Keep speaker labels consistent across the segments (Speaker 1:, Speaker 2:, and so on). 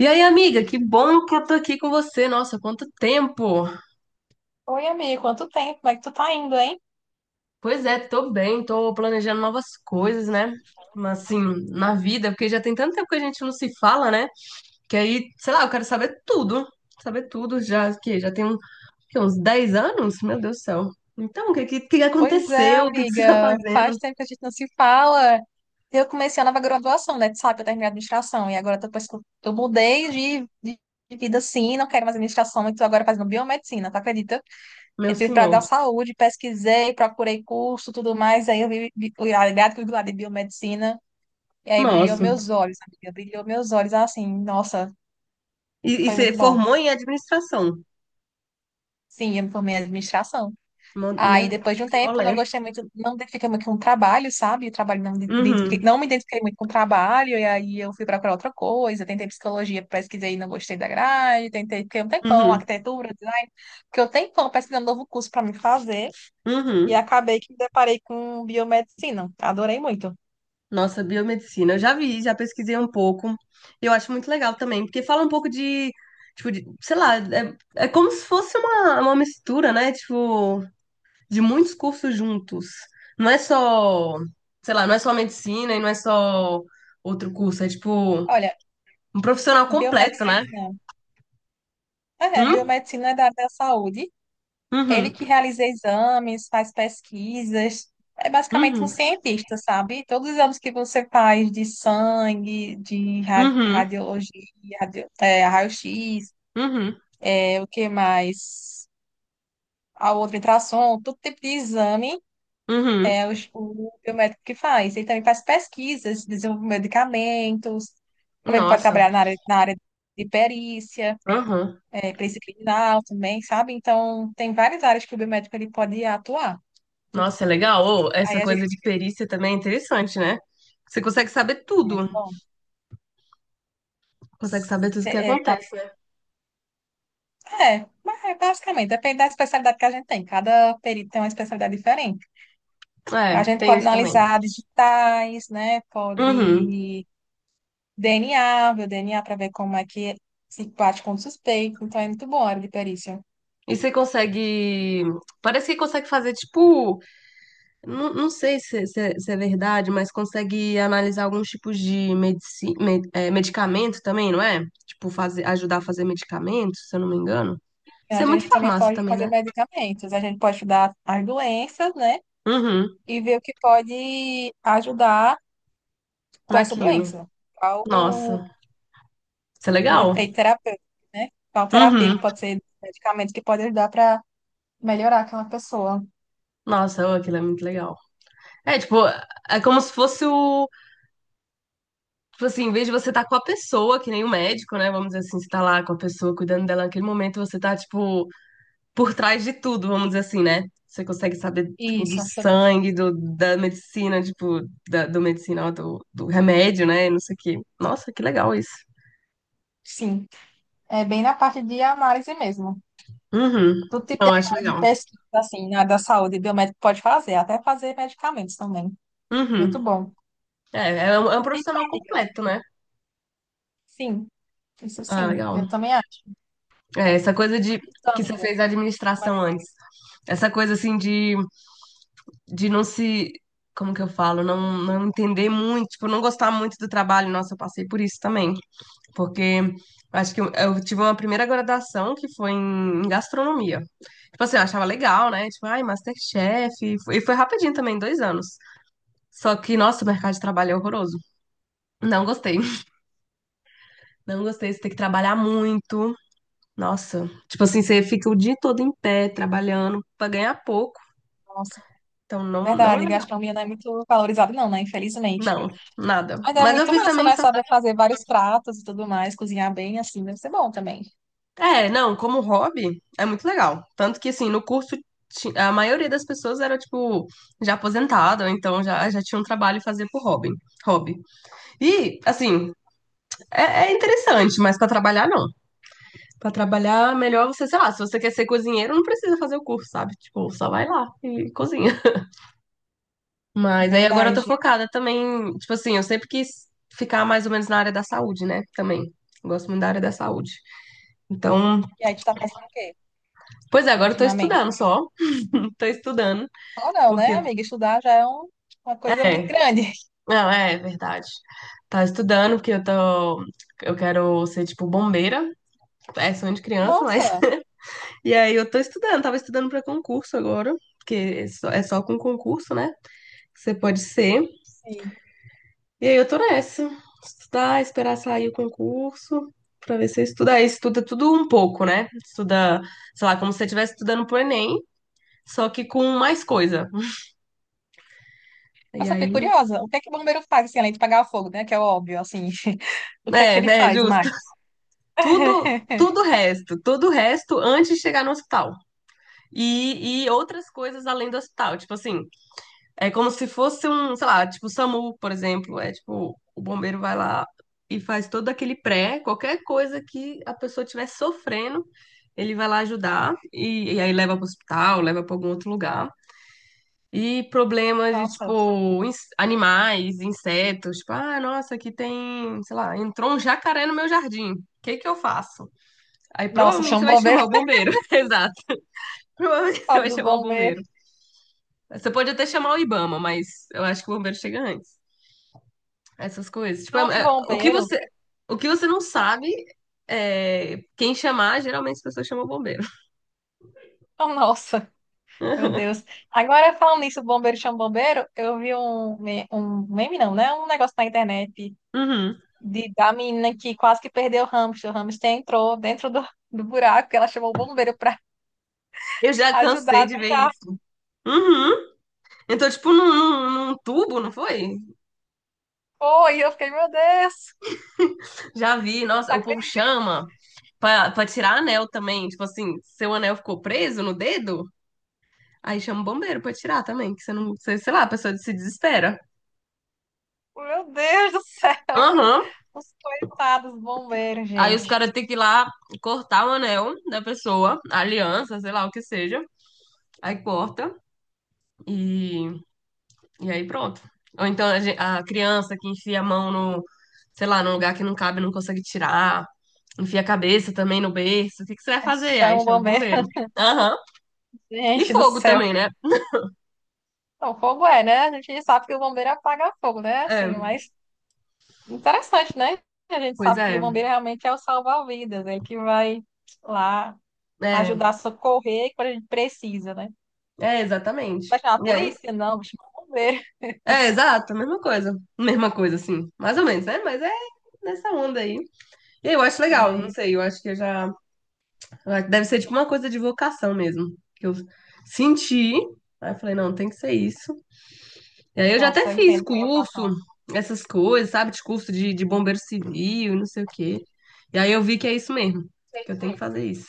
Speaker 1: E aí, amiga, que bom que eu tô aqui com você. Nossa, quanto tempo!
Speaker 2: Oi, amiga, quanto tempo? Como é que tu tá indo, hein?
Speaker 1: Pois é, tô bem, tô planejando novas coisas, né? Mas assim, na vida, porque já tem tanto tempo que a gente não se fala, né? Que aí, sei lá, eu quero saber tudo. Saber tudo já, que já tem uns 10 anos? Meu Deus do céu. Então, o que,
Speaker 2: Pois é,
Speaker 1: aconteceu? O que você tá
Speaker 2: amiga,
Speaker 1: fazendo?
Speaker 2: faz tempo que a gente não se fala. Eu comecei a nova graduação, né? Tu sabe, eu terminei a administração. E agora, depois que eu mudei de, de, de vida assim, não quero mais administração, e tô agora fazendo biomedicina, tu acredita?
Speaker 1: Meu
Speaker 2: Entrei pra dar
Speaker 1: senhor.
Speaker 2: saúde, pesquisei, procurei curso, tudo mais. Aí eu vi o ligado lá de biomedicina. E aí brilhou
Speaker 1: Nossa.
Speaker 2: meus olhos, amiga. Brilhou meus olhos assim, nossa,
Speaker 1: E
Speaker 2: foi
Speaker 1: você
Speaker 2: muito bom.
Speaker 1: formou em administração.
Speaker 2: Sim, eu me formei em administração.
Speaker 1: Meu
Speaker 2: Aí depois de
Speaker 1: Deus,
Speaker 2: um
Speaker 1: que
Speaker 2: tempo
Speaker 1: rolê.
Speaker 2: não gostei muito, não identifiquei muito com o trabalho, sabe? O trabalho não,
Speaker 1: Uhum,
Speaker 2: não me identifiquei muito com o trabalho, e aí eu fui procurar outra coisa, tentei psicologia, pesquisei e não gostei da grade, tentei, fiquei um tempão,
Speaker 1: uhum,
Speaker 2: arquitetura, design, fiquei um tempão pesquisando um novo curso para me fazer, e
Speaker 1: uhum.
Speaker 2: acabei que me deparei com biomedicina, adorei muito.
Speaker 1: Nossa, biomedicina. Eu já vi, já pesquisei um pouco. Eu acho muito legal também, porque fala um pouco de, tipo, de, sei lá, é como se fosse uma mistura, né? Tipo, de muitos cursos juntos. Não é só, sei lá, não é só medicina e não é só outro curso. É, tipo,
Speaker 2: Olha,
Speaker 1: um profissional completo, né?
Speaker 2: biomedicina,
Speaker 1: Hum?
Speaker 2: biomedicina é da área da saúde. Ele
Speaker 1: Uhum,
Speaker 2: que realiza exames, faz pesquisas, é basicamente um
Speaker 1: uhum,
Speaker 2: cientista, sabe? Todos os exames que você faz de sangue, de
Speaker 1: uhum,
Speaker 2: radiologia, raio-x,
Speaker 1: uhum,
Speaker 2: é, o que mais? A outra ultrassom, todo tipo de exame
Speaker 1: uhum.
Speaker 2: é o biomédico que faz. Ele também faz pesquisas, desenvolve medicamentos, também pode
Speaker 1: Nossa,
Speaker 2: trabalhar na área de perícia,
Speaker 1: uhum.
Speaker 2: é, perícia criminal também, sabe? Então, tem várias áreas que o biomédico ele pode atuar. Tu-
Speaker 1: Nossa, é legal. Ô,
Speaker 2: Aí
Speaker 1: essa
Speaker 2: a gente
Speaker 1: coisa de perícia também é interessante, né? Você consegue saber tudo.
Speaker 2: muito bom.
Speaker 1: Consegue saber tudo o que
Speaker 2: Cê- É, pra-
Speaker 1: acontece, né?
Speaker 2: mas é basicamente, depende da especialidade que a gente tem. Cada perito tem uma especialidade diferente. A
Speaker 1: É,
Speaker 2: gente
Speaker 1: tem
Speaker 2: pode
Speaker 1: isso também.
Speaker 2: analisar digitais, né? Pode
Speaker 1: Uhum.
Speaker 2: DNA, ver o DNA para ver como é que é, se bate com o suspeito. Então é muito bom a área de perícia.
Speaker 1: E você consegue. Parece que consegue fazer, tipo. Não, não sei é, se é verdade, mas consegue analisar alguns tipos de medicamento também, não é? Tipo, ajudar a fazer medicamento, se eu não me engano. Isso
Speaker 2: A
Speaker 1: é muito
Speaker 2: gente também
Speaker 1: farmácia
Speaker 2: pode
Speaker 1: também,
Speaker 2: fazer
Speaker 1: né?
Speaker 2: medicamentos. A gente pode estudar as doenças, né?
Speaker 1: Uhum.
Speaker 2: E ver o que pode ajudar com essa
Speaker 1: Naquilo.
Speaker 2: doença. Qual o,
Speaker 1: Nossa. Isso é
Speaker 2: o
Speaker 1: legal.
Speaker 2: efeito terapêutico, né? Qual terapia que
Speaker 1: Uhum.
Speaker 2: pode ser, medicamento que pode ajudar para melhorar aquela pessoa.
Speaker 1: Nossa, ô, aquilo é muito legal. É, tipo, é como se fosse o Tipo assim, em vez de você estar com a pessoa, que nem o médico, né? Vamos dizer assim, você tá lá com a pessoa, cuidando dela naquele momento, você tá, tipo, por trás de tudo, vamos dizer assim, né? Você consegue saber, tipo, do
Speaker 2: Isso, fica-
Speaker 1: sangue, do, da medicina, tipo, do medicinal, do remédio, né? Não sei o quê. Nossa, que legal isso.
Speaker 2: sim. É bem na parte de análise mesmo.
Speaker 1: Uhum.
Speaker 2: Do tipo de
Speaker 1: Eu acho
Speaker 2: análise,
Speaker 1: legal.
Speaker 2: pesquisa, assim, na da saúde, biomédico pode fazer, até fazer medicamentos também. Muito
Speaker 1: Uhum.
Speaker 2: bom.
Speaker 1: É um
Speaker 2: Então,
Speaker 1: profissional
Speaker 2: amiga,
Speaker 1: completo, né?
Speaker 2: sim, isso
Speaker 1: Ah,
Speaker 2: sim, eu
Speaker 1: legal.
Speaker 2: também acho.
Speaker 1: É, essa coisa de
Speaker 2: Então,
Speaker 1: que você
Speaker 2: amiga,
Speaker 1: fez a
Speaker 2: como é que-
Speaker 1: administração
Speaker 2: é?
Speaker 1: antes. Essa coisa assim de não se, como que eu falo, não, não entender muito, tipo, não gostar muito do trabalho. Nossa, eu passei por isso também, porque eu acho que eu tive uma primeira graduação que foi em gastronomia. Tipo assim, eu achava legal, né? Tipo, ai, MasterChef, e foi rapidinho também, 2 anos. Só que, nossa, o mercado de trabalho é horroroso. Não gostei. Não gostei, você tem que trabalhar muito. Nossa, tipo assim, você fica o dia todo em pé, trabalhando pra ganhar pouco.
Speaker 2: Nossa,
Speaker 1: Então, não, não é
Speaker 2: verdade,
Speaker 1: legal.
Speaker 2: gastronomia não é muito valorizada, não, né? Infelizmente.
Speaker 1: Não, nada.
Speaker 2: Mas é
Speaker 1: Mas eu
Speaker 2: muito
Speaker 1: fiz
Speaker 2: massa,
Speaker 1: também.
Speaker 2: né? Saber fazer vários pratos e tudo mais, cozinhar bem, assim, deve ser bom também.
Speaker 1: É, não, como hobby é muito legal. Tanto que, assim, no curso a maioria das pessoas era, tipo, já aposentada, ou então já tinha um trabalho e fazia por hobby. Hobby. E, assim, é, é interessante, mas pra trabalhar, não. Pra trabalhar, melhor você, sei lá, se você quer ser cozinheiro, não precisa fazer o curso, sabe? Tipo, só vai lá e cozinha.
Speaker 2: É
Speaker 1: Mas aí agora eu tô
Speaker 2: verdade.
Speaker 1: focada também, tipo assim, eu sempre quis ficar mais ou menos na área da saúde, né? Também. Gosto muito da área da saúde. Então,
Speaker 2: E aí, tu tá fazendo o quê
Speaker 1: pois é, agora eu tô estudando
Speaker 2: ultimamente?
Speaker 1: só. Tô estudando.
Speaker 2: Ou não, né,
Speaker 1: Porque,
Speaker 2: amiga? Estudar já é um- uma coisa muito
Speaker 1: é,
Speaker 2: grande.
Speaker 1: não, é verdade. Tá estudando, porque eu quero ser, tipo, bombeira. É sonho de criança, mas.
Speaker 2: Nossa,
Speaker 1: E aí eu tô estudando, tava estudando pra concurso agora, porque é só com concurso, né? Você pode ser.
Speaker 2: sim.
Speaker 1: E aí eu tô nessa. Estudar, esperar sair o concurso, pra ver se eu estudo. Aí estuda tudo um pouco, né? Estuda, sei lá, como se você estivesse estudando pro Enem, só que com mais coisa. E
Speaker 2: Nossa, fiquei
Speaker 1: aí.
Speaker 2: curiosa. O que é que o bombeiro faz, assim, além de apagar o fogo, né? Que é óbvio, assim. O que é
Speaker 1: É,
Speaker 2: que ele
Speaker 1: é,
Speaker 2: faz mais?
Speaker 1: tudo o resto, tudo o resto antes de chegar no hospital. E outras coisas além do hospital. Tipo assim, é como se fosse um, sei lá, tipo o SAMU, por exemplo. É tipo, o bombeiro vai lá e faz todo aquele pré, qualquer coisa que a pessoa estiver sofrendo, ele vai lá ajudar e aí leva pro hospital, leva para algum outro lugar. E problemas de,
Speaker 2: Nossa,
Speaker 1: tipo, animais, insetos. Tipo, ah, nossa, aqui tem, sei lá, entrou um jacaré no meu jardim. O que que eu faço? Aí
Speaker 2: nossa,
Speaker 1: provavelmente
Speaker 2: chama
Speaker 1: você
Speaker 2: o
Speaker 1: vai
Speaker 2: bombeiro,
Speaker 1: chamar o bombeiro. Exato. Provavelmente você
Speaker 2: sabe
Speaker 1: vai
Speaker 2: do
Speaker 1: chamar o
Speaker 2: bombeiro.
Speaker 1: bombeiro. Você pode até chamar o Ibama, mas eu acho que o bombeiro chega antes. Essas coisas. Tipo,
Speaker 2: Falando em
Speaker 1: o que
Speaker 2: bombeiro,
Speaker 1: você, o que você não sabe, quem chamar, geralmente as pessoas chamam o bombeiro.
Speaker 2: oh, nossa, meu Deus. Agora, falando nisso, bombeiro chama bombeiro, eu vi um meme, não, né? Um negócio na internet
Speaker 1: Uhum.
Speaker 2: da menina que quase que perdeu o hamster. O hamster entrou dentro do buraco, ela chamou o bombeiro pra
Speaker 1: Eu já
Speaker 2: ajudar
Speaker 1: cansei
Speaker 2: a
Speaker 1: de ver
Speaker 2: tirar.
Speaker 1: isso. Uhum. Então, tipo, num tubo, não foi?
Speaker 2: Foi, eu fiquei, meu Deus,
Speaker 1: Já vi, nossa,
Speaker 2: não
Speaker 1: o povo
Speaker 2: acredito,
Speaker 1: chama pra tirar anel também. Tipo assim, seu anel ficou preso no dedo. Aí chama o bombeiro pra tirar também, que você não, sei lá, a pessoa se desespera.
Speaker 2: meu Deus do céu,
Speaker 1: Aham.
Speaker 2: os coitados bombeiros,
Speaker 1: Aí os
Speaker 2: gente.
Speaker 1: caras têm que ir lá cortar o anel da pessoa, a aliança, sei lá o que seja. Aí corta e, e aí pronto. Ou então a criança que enfia a mão no, sei lá, num lugar que não cabe, não consegue tirar. Enfia a cabeça também no berço. O que que você vai
Speaker 2: Mas
Speaker 1: fazer? Aí
Speaker 2: são
Speaker 1: chama o
Speaker 2: bombeiros,
Speaker 1: bombeiro. Aham. E
Speaker 2: gente do
Speaker 1: fogo
Speaker 2: céu.
Speaker 1: também, né?
Speaker 2: Não, fogo é, né? A gente sabe que o bombeiro apaga fogo, né? Assim,
Speaker 1: É,
Speaker 2: mas interessante, né? A gente
Speaker 1: pois
Speaker 2: sabe que o
Speaker 1: é.
Speaker 2: bombeiro realmente é o salva-vidas, ele que vai lá ajudar
Speaker 1: É,
Speaker 2: a socorrer quando a gente precisa, né?
Speaker 1: é exatamente.
Speaker 2: Vai chamar a
Speaker 1: E aí?
Speaker 2: polícia? Não, vai chamar o bombeiro.
Speaker 1: É, exato, mesma coisa. Mesma coisa, assim. Mais ou menos, né? Mas é nessa onda aí. E eu acho
Speaker 2: E
Speaker 1: legal, não
Speaker 2: aí,
Speaker 1: sei, eu acho que eu já. Ah, deve ser tipo uma coisa de vocação mesmo. Que eu senti, aí eu falei, não, tem que ser isso. E aí eu já até
Speaker 2: nossa, eu
Speaker 1: fiz
Speaker 2: entendo a
Speaker 1: curso,
Speaker 2: vocação.
Speaker 1: essas coisas, sabe? De curso de bombeiro civil, não sei o quê. E aí eu vi que é isso mesmo, que eu tenho que fazer isso.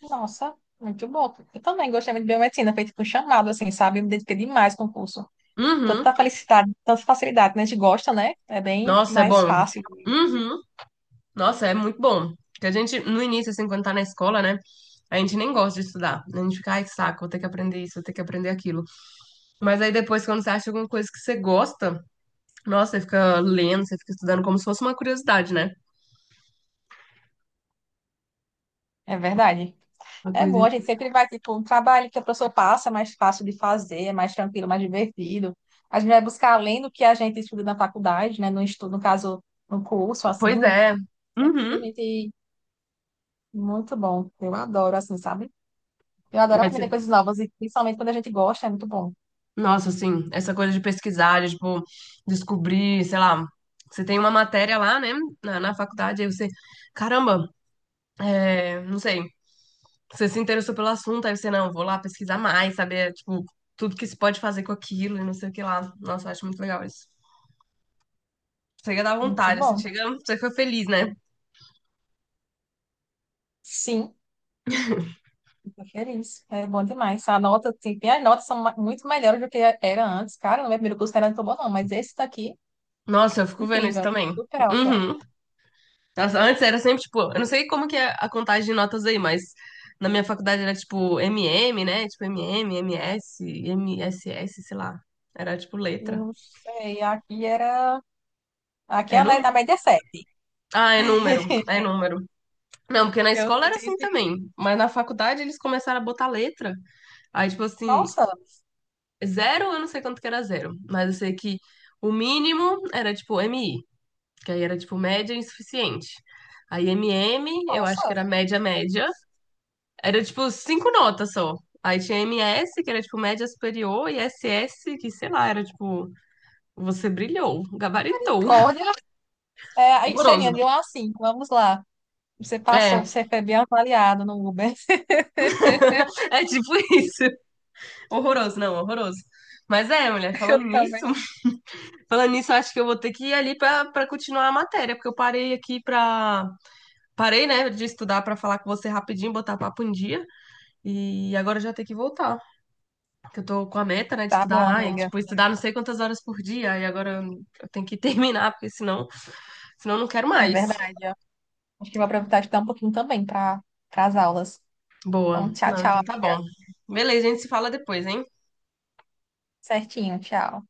Speaker 2: Nossa, muito bom. Eu também gostei muito de biomedicina, feito com chamado, assim, sabe? Eu me dediquei demais com o curso.
Speaker 1: Uhum.
Speaker 2: Tanta felicidade, tanta facilidade, né? A gente gosta, né? É bem
Speaker 1: Nossa, é
Speaker 2: mais
Speaker 1: bom.
Speaker 2: fácil.
Speaker 1: Uhum. Nossa, é muito bom. Porque a gente, no início, assim, quando tá na escola, né? A gente nem gosta de estudar. A gente fica, ai, que saco, vou ter que aprender isso, vou ter que aprender aquilo. Mas aí depois, quando você acha alguma coisa que você gosta, nossa, você fica lendo, você fica estudando como se fosse uma curiosidade, né?
Speaker 2: É verdade.
Speaker 1: Uma
Speaker 2: É
Speaker 1: coisa.
Speaker 2: bom, a gente sempre vai, tipo, um trabalho que a pessoa passa, é mais fácil de fazer, é mais tranquilo, mais divertido. A gente vai buscar além do que a gente estuda na faculdade, né? No estudo, no caso, no curso, assim.
Speaker 1: Pois é.
Speaker 2: É porque a
Speaker 1: Uhum.
Speaker 2: gente... muito bom. Eu adoro, assim, sabe? Eu adoro
Speaker 1: Aí
Speaker 2: aprender
Speaker 1: você-
Speaker 2: coisas novas e principalmente quando a gente gosta, é muito bom.
Speaker 1: Nossa, assim, essa coisa de pesquisar, de, tipo, descobrir, sei lá, você tem uma matéria lá, né, na faculdade, aí você, caramba, é, não sei, você se interessou pelo assunto, aí você, não, vou lá pesquisar mais, saber, tipo, tudo que se pode fazer com aquilo e não sei o que lá. Nossa, eu acho muito legal isso. Chega da
Speaker 2: Muito
Speaker 1: vontade, assim,
Speaker 2: bom.
Speaker 1: chega, você fica feliz, né?
Speaker 2: Sim. Tô feliz. É bom demais. A nota, tem as notas são muito melhores do que era antes. Cara, no meu primeiro curso não era tão bom, não, mas esse daqui,
Speaker 1: Nossa, eu fico vendo isso
Speaker 2: incrível,
Speaker 1: também.
Speaker 2: super alta.
Speaker 1: Uhum. Nossa, antes era sempre, tipo, eu não sei como que é a contagem de notas aí, mas na minha faculdade era, tipo, MM, né? Tipo, MM, MS, MSS, sei lá. Era, tipo, letra.
Speaker 2: Não sei, aqui era. Aqui
Speaker 1: É
Speaker 2: é
Speaker 1: número?
Speaker 2: a média é 7.
Speaker 1: Ah, é número, é número. Não, porque na
Speaker 2: Eu
Speaker 1: escola era assim
Speaker 2: tive.
Speaker 1: também, mas na faculdade eles começaram a botar letra. Aí, tipo assim,
Speaker 2: Nossa,
Speaker 1: zero, eu não sei quanto que era zero, mas eu sei que o mínimo era, tipo, MI. Que aí era tipo média insuficiente. Aí MM, eu acho que
Speaker 2: nossa,
Speaker 1: era média média, era tipo cinco notas só. Aí tinha MS, que era tipo média superior, e SS, que sei lá, era tipo, você brilhou, gabaritou.
Speaker 2: olha, é, aí seria de
Speaker 1: Horroroso.
Speaker 2: 1 a 5, vamos lá. Você passou,
Speaker 1: É,
Speaker 2: você foi bem avaliado no Uber.
Speaker 1: é tipo isso. Horroroso, não, horroroso. Mas é, mulher,
Speaker 2: Eu
Speaker 1: falando nisso,
Speaker 2: também.
Speaker 1: falando nisso, eu acho que eu vou ter que ir ali pra continuar a matéria, porque eu parei aqui pra. Parei, né, de estudar pra falar com você rapidinho, botar papo em dia, e agora eu já tenho que voltar. Que eu tô com a meta, né, de
Speaker 2: Tá bom,
Speaker 1: estudar, ai,
Speaker 2: amiga.
Speaker 1: tipo, estudar não sei quantas horas por dia, e agora eu tenho que terminar, porque senão, eu não quero
Speaker 2: É
Speaker 1: mais.
Speaker 2: verdade, ó. Acho que vou aproveitar de dar um pouquinho também para as aulas.
Speaker 1: Boa.
Speaker 2: Então, tchau,
Speaker 1: Não,
Speaker 2: tchau.
Speaker 1: então tá bom. Beleza, a gente se fala depois, hein?
Speaker 2: Certinho, tchau.